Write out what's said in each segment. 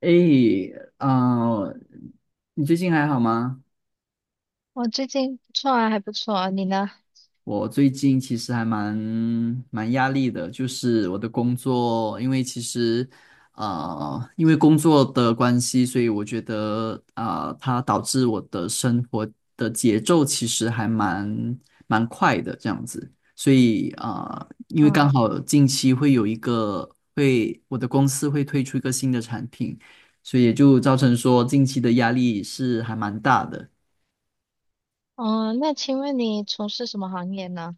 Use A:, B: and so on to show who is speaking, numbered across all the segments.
A: 诶，啊、你最近还好吗？
B: 我最近不错啊，还不错啊，你呢？
A: 我最近其实还蛮压力的，就是我的工作，因为其实，因为工作的关系，所以我觉得它导致我的生活的节奏其实还蛮快的这样子，所以因为
B: 嗯，
A: 刚好近期会有一个会我的公司会推出一个新的产品，所以也就造成说近期的压力是还蛮大的。
B: 嗯，那请问你从事什么行业呢？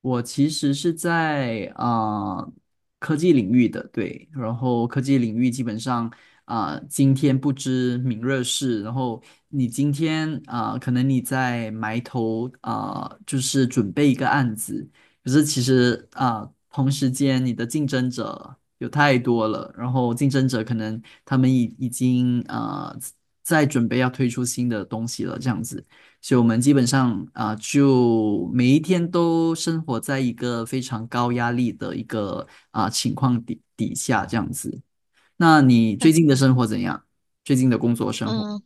A: 我其实是在科技领域的，对，然后科技领域基本上今天不知明日事，然后你今天可能你在埋头就是准备一个案子，可是其实同时间你的竞争者有太多了，然后竞争者可能他们已经在准备要推出新的东西了，这样子。所以我们基本上就每一天都生活在一个非常高压力的一个情况底下这样子。那你最近
B: 那
A: 的生活怎样？最近的工作生活？
B: 嗯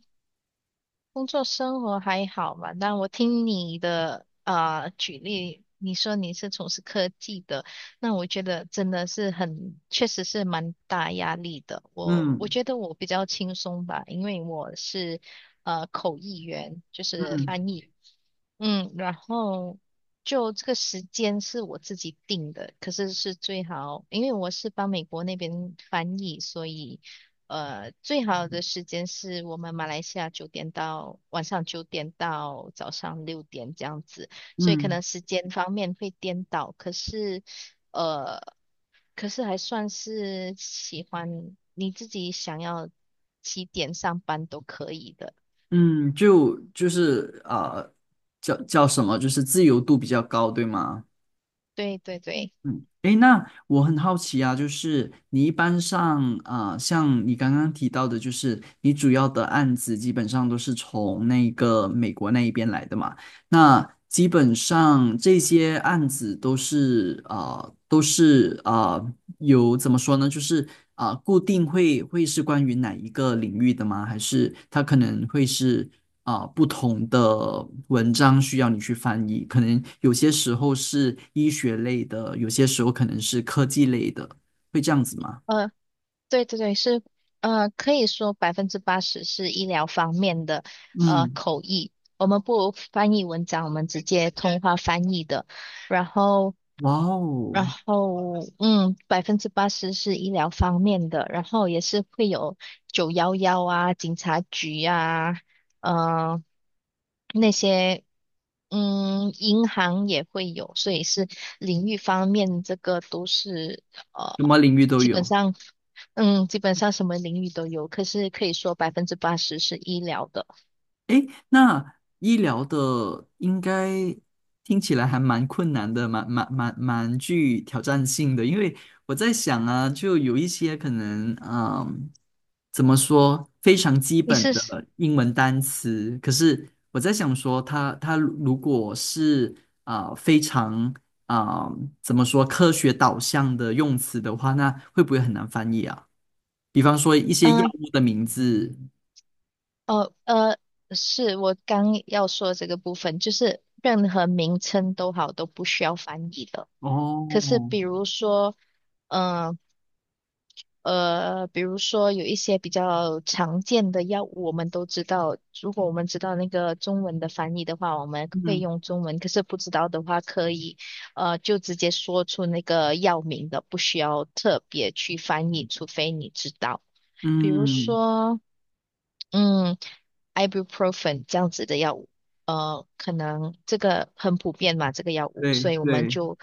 B: 工作生活还好嘛？但我听你的举例，你说你是从事科技的，那我觉得真的是确实是蛮大压力的。我
A: 嗯
B: 觉得我比较轻松吧，因为我是口译员，就是
A: 嗯
B: 翻译。嗯，然后就这个时间是我自己定的，可是是最好，因为我是帮美国那边翻译，所以最好的时间是我们马来西亚九点到晚上九点到早上6点这样子，所以可
A: 嗯
B: 能时间方面会颠倒，呃，可是还算是喜欢你自己想要几点上班都可以的。
A: 嗯，就是叫什么？就是自由度比较高，对吗？
B: 对对对，
A: 嗯，诶，那我很好奇啊，就是你一般上像你刚刚提到的，就是你主要的案子基本上都是从那个美国那一边来的嘛？那基本上这些案子都是有怎么说呢？就是固定会是关于哪一个领域的吗？还是它可能会是不同的文章需要你去翻译？可能有些时候是医学类的，有些时候可能是科技类的，会这样子吗？
B: 呃，对对对，是可以说百分之八十是医疗方面的
A: 嗯，
B: 口译，我们不翻译文章，我们直接通话翻译的。然后，
A: 哇哦，
B: 嗯，百分之八十是医疗方面的，然后也是会有911啊、警察局啊，呃，那些，嗯，银行也会有，所以是领域方面，这个都是呃，
A: 什么领域都
B: 基本
A: 有。
B: 上，嗯，基本上什么领域都有，可是可以说百分之八十是医疗的。
A: 诶，那医疗的应该听起来还蛮困难的，蛮具挑战性的。因为我在想啊，就有一些可能，嗯，怎么说，非常基
B: 你
A: 本
B: 是，
A: 的英文单词，可是我在想说它，它如果是非常啊、怎么说科学导向的用词的话，那会不会很难翻译啊？比方说一些药
B: 嗯、
A: 物的名字，
B: 哦，是我刚要说这个部分，就是任何名称都好，都不需要翻译的。可是
A: 哦，
B: 比如说，嗯呃，呃比如说有一些比较常见的药物，我们都知道，如果我们知道那个中文的翻译的话，我们会
A: 嗯。
B: 用中文；可是不知道的话，可以就直接说出那个药名的，不需要特别去翻译，除非你知道。比如
A: 嗯，
B: 说。嗯，ibuprofen 这样子的药物，呃，可能这个很普遍嘛，这个药物，
A: 对
B: 所以我们
A: 对，
B: 就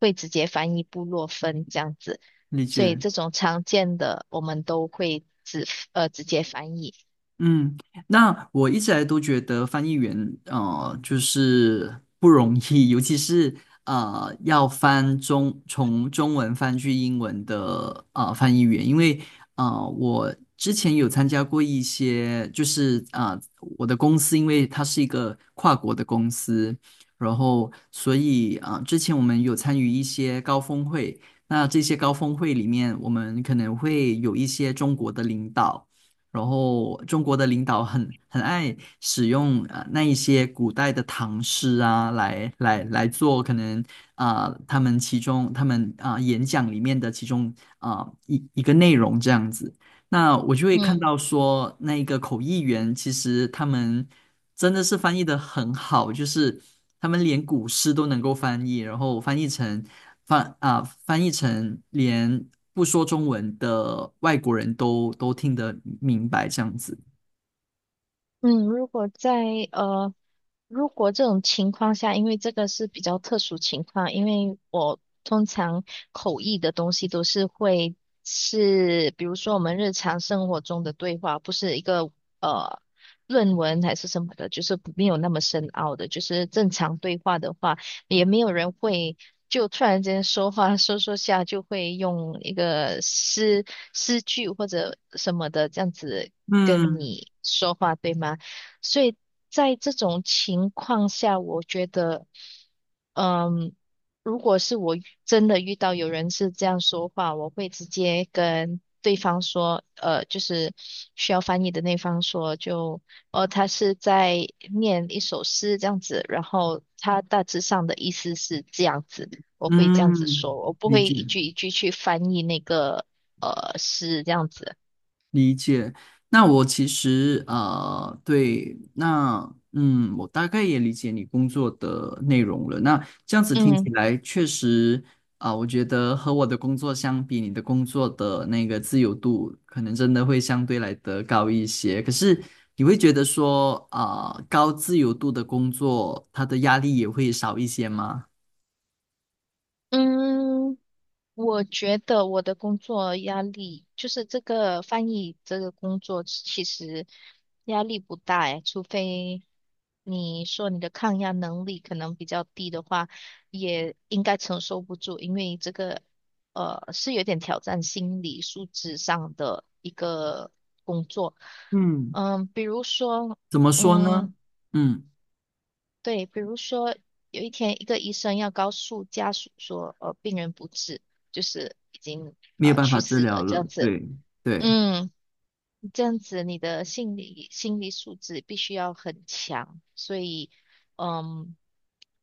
B: 会直接翻译布洛芬这样子，
A: 理
B: 所以
A: 解。
B: 这种常见的我们都会直接翻译。
A: 嗯，那我一直来都觉得翻译员，就是不容易，尤其是要从中文翻去英文的翻译员，因为我之前有参加过一些，就是我的公司因为它是一个跨国的公司，然后所以之前我们有参与一些高峰会，那这些高峰会里面，我们可能会有一些中国的领导。然后中国的领导很爱使用那一些古代的唐诗啊，来做可能他们演讲里面的其中一个内容这样子。那我就会看
B: 嗯
A: 到说，那一个口译员其实他们真的是翻译的很好，就是他们连古诗都能够翻译，然后翻译成翻译成连不说中文的外国人都听得明白这样子。
B: 嗯，如果呃如果这种情况下，因为这个是比较特殊情况，因为我通常口译的东西都是会是，比如说我们日常生活中的对话，不是一个呃论文还是什么的，就是没有那么深奥的，就是正常对话的话，也没有人会就突然间说话说说下就会用一个诗句或者什么的这样子跟
A: 嗯
B: 你说话，对吗？所以在这种情况下，我觉得，嗯，如果是我真的遇到有人是这样说话，我会直接跟对方说，呃，就是需要翻译的那方说，就，哦，他是在念一首诗这样子，然后他大致上的意思是这样子，我会这样子
A: 嗯，
B: 说，我不
A: 理
B: 会
A: 解。
B: 一句一句去翻译那个诗这样子，
A: 那我其实啊，对，那嗯，我大概也理解你工作的内容了。那这样子听
B: 嗯
A: 起来，确实我觉得和我的工作相比，你的工作的那个自由度可能真的会相对来得高一些。可是你会觉得说高自由度的工作，它的压力也会少一些吗？
B: 嗯。我觉得我的工作压力，就是这个翻译这个工作，其实压力不大诶，除非你说你的抗压能力可能比较低的话，也应该承受不住，因为这个是有点挑战心理素质上的一个工作。
A: 嗯。
B: 嗯，比如说，
A: 怎么说
B: 嗯，
A: 呢？嗯，
B: 对，比如说有一天，一个医生要告诉家属说，呃，病人不治，就是已经
A: 没有办
B: 去
A: 法治
B: 世了
A: 疗
B: 这
A: 了，
B: 样子。
A: 对对。
B: 嗯，这样子你的心理素质必须要很强，所以嗯，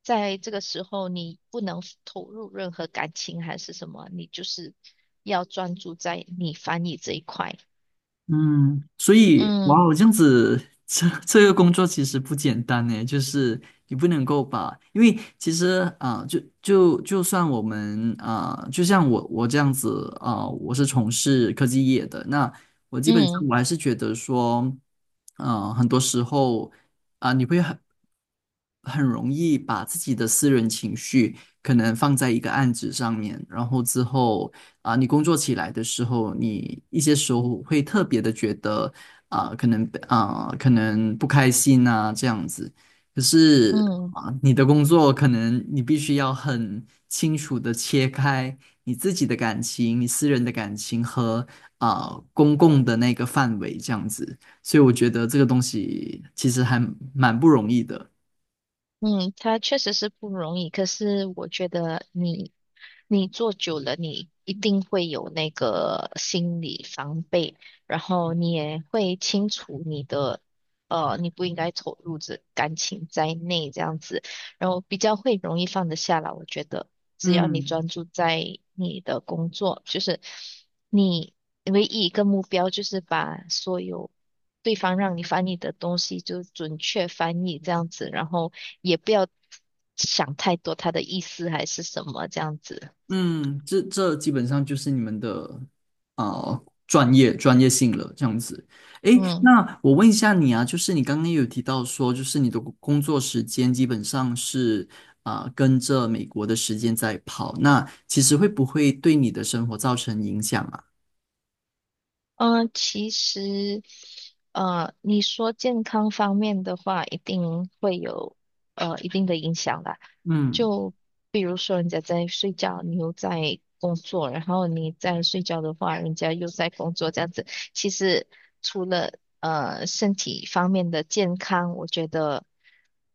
B: 在这个时候你不能投入任何感情还是什么，你就是要专注在你翻译这一块。
A: 嗯，所以哇
B: 嗯
A: 哦，这样子，这个工作其实不简单呢，就是你不能够把，因为其实就算我们就像我这样子我是从事科技业的，那我基本
B: 嗯
A: 上我还是觉得说，很多时候你会很容易把自己的私人情绪可能放在一个案子上面，然后之后。你工作起来的时候，你一些时候会特别的觉得可能不开心啊这样子。可是
B: 嗯。
A: 你的工作可能你必须要很清楚的切开你自己的感情、你私人的感情和公共的那个范围这样子。所以我觉得这个东西其实还蛮不容易的。
B: 嗯，他确实是不容易，可是我觉得你做久了，你一定会有那个心理防备，然后你也会清楚你不应该投入这感情在内这样子，然后比较会容易放得下来。我觉得只要你
A: 嗯。
B: 专注在你的工作，就是你唯一一个目标就是把所有对方让你翻译的东西就准确翻译这样子，然后也不要想太多他的意思还是什么这样子。
A: 嗯，这基本上就是你们的啊专业性了，这样子。诶，
B: 嗯。
A: 那我问一下你啊，就是你刚刚有提到说，就是你的工作时间基本上是跟着美国的时间在跑，那其实会不会对你的生活造成影响啊？
B: 嗯，其实，你说健康方面的话，一定会有一定的影响啦。
A: 嗯，
B: 就比如说，人家在睡觉，你又在工作，然后你在睡觉的话，人家又在工作，这样子。其实除了身体方面的健康，我觉得，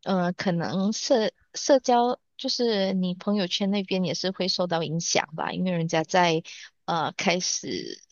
B: 可能社交就是你朋友圈那边也是会受到影响吧，因为人家在开始。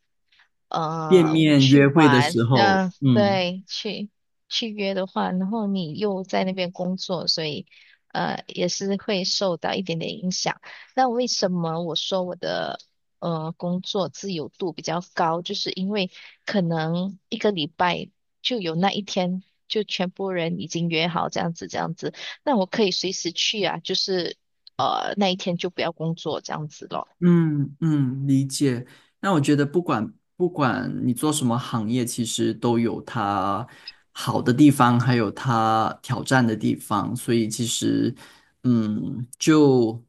A: 见
B: 呃
A: 面
B: 去
A: 约会的
B: 玩，
A: 时候，
B: 嗯，
A: 嗯。
B: 对去约的话，然后你又在那边工作，所以也是会受到一点点影响。那为什么我说我的工作自由度比较高，就是因为可能一个礼拜就有那一天。就全部人已经约好这样子，这样子，那我可以随时去啊，就是那一天就不要工作这样子咯。
A: 嗯嗯，理解。那我觉得不管你做什么行业，其实都有它好的地方，还有它挑战的地方。所以其实，嗯，就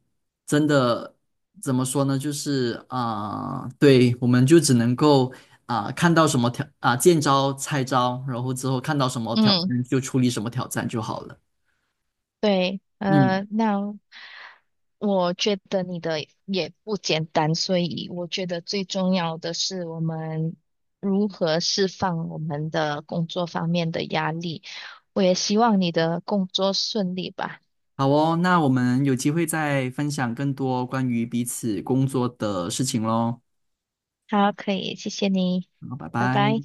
A: 真的怎么说呢？就是对，我们就只能够看到什么见招拆招，然后之后看到什么挑
B: 嗯，
A: 战就处理什么挑战就好了。
B: 对，
A: 嗯
B: 那我觉得你的也不简单，所以我觉得最重要的是我们如何释放我们的工作方面的压力。我也希望你的工作顺利吧。
A: 好哦，那我们有机会再分享更多关于彼此工作的事情喽。
B: 好，可以，谢谢你，
A: 好，拜
B: 拜
A: 拜。
B: 拜。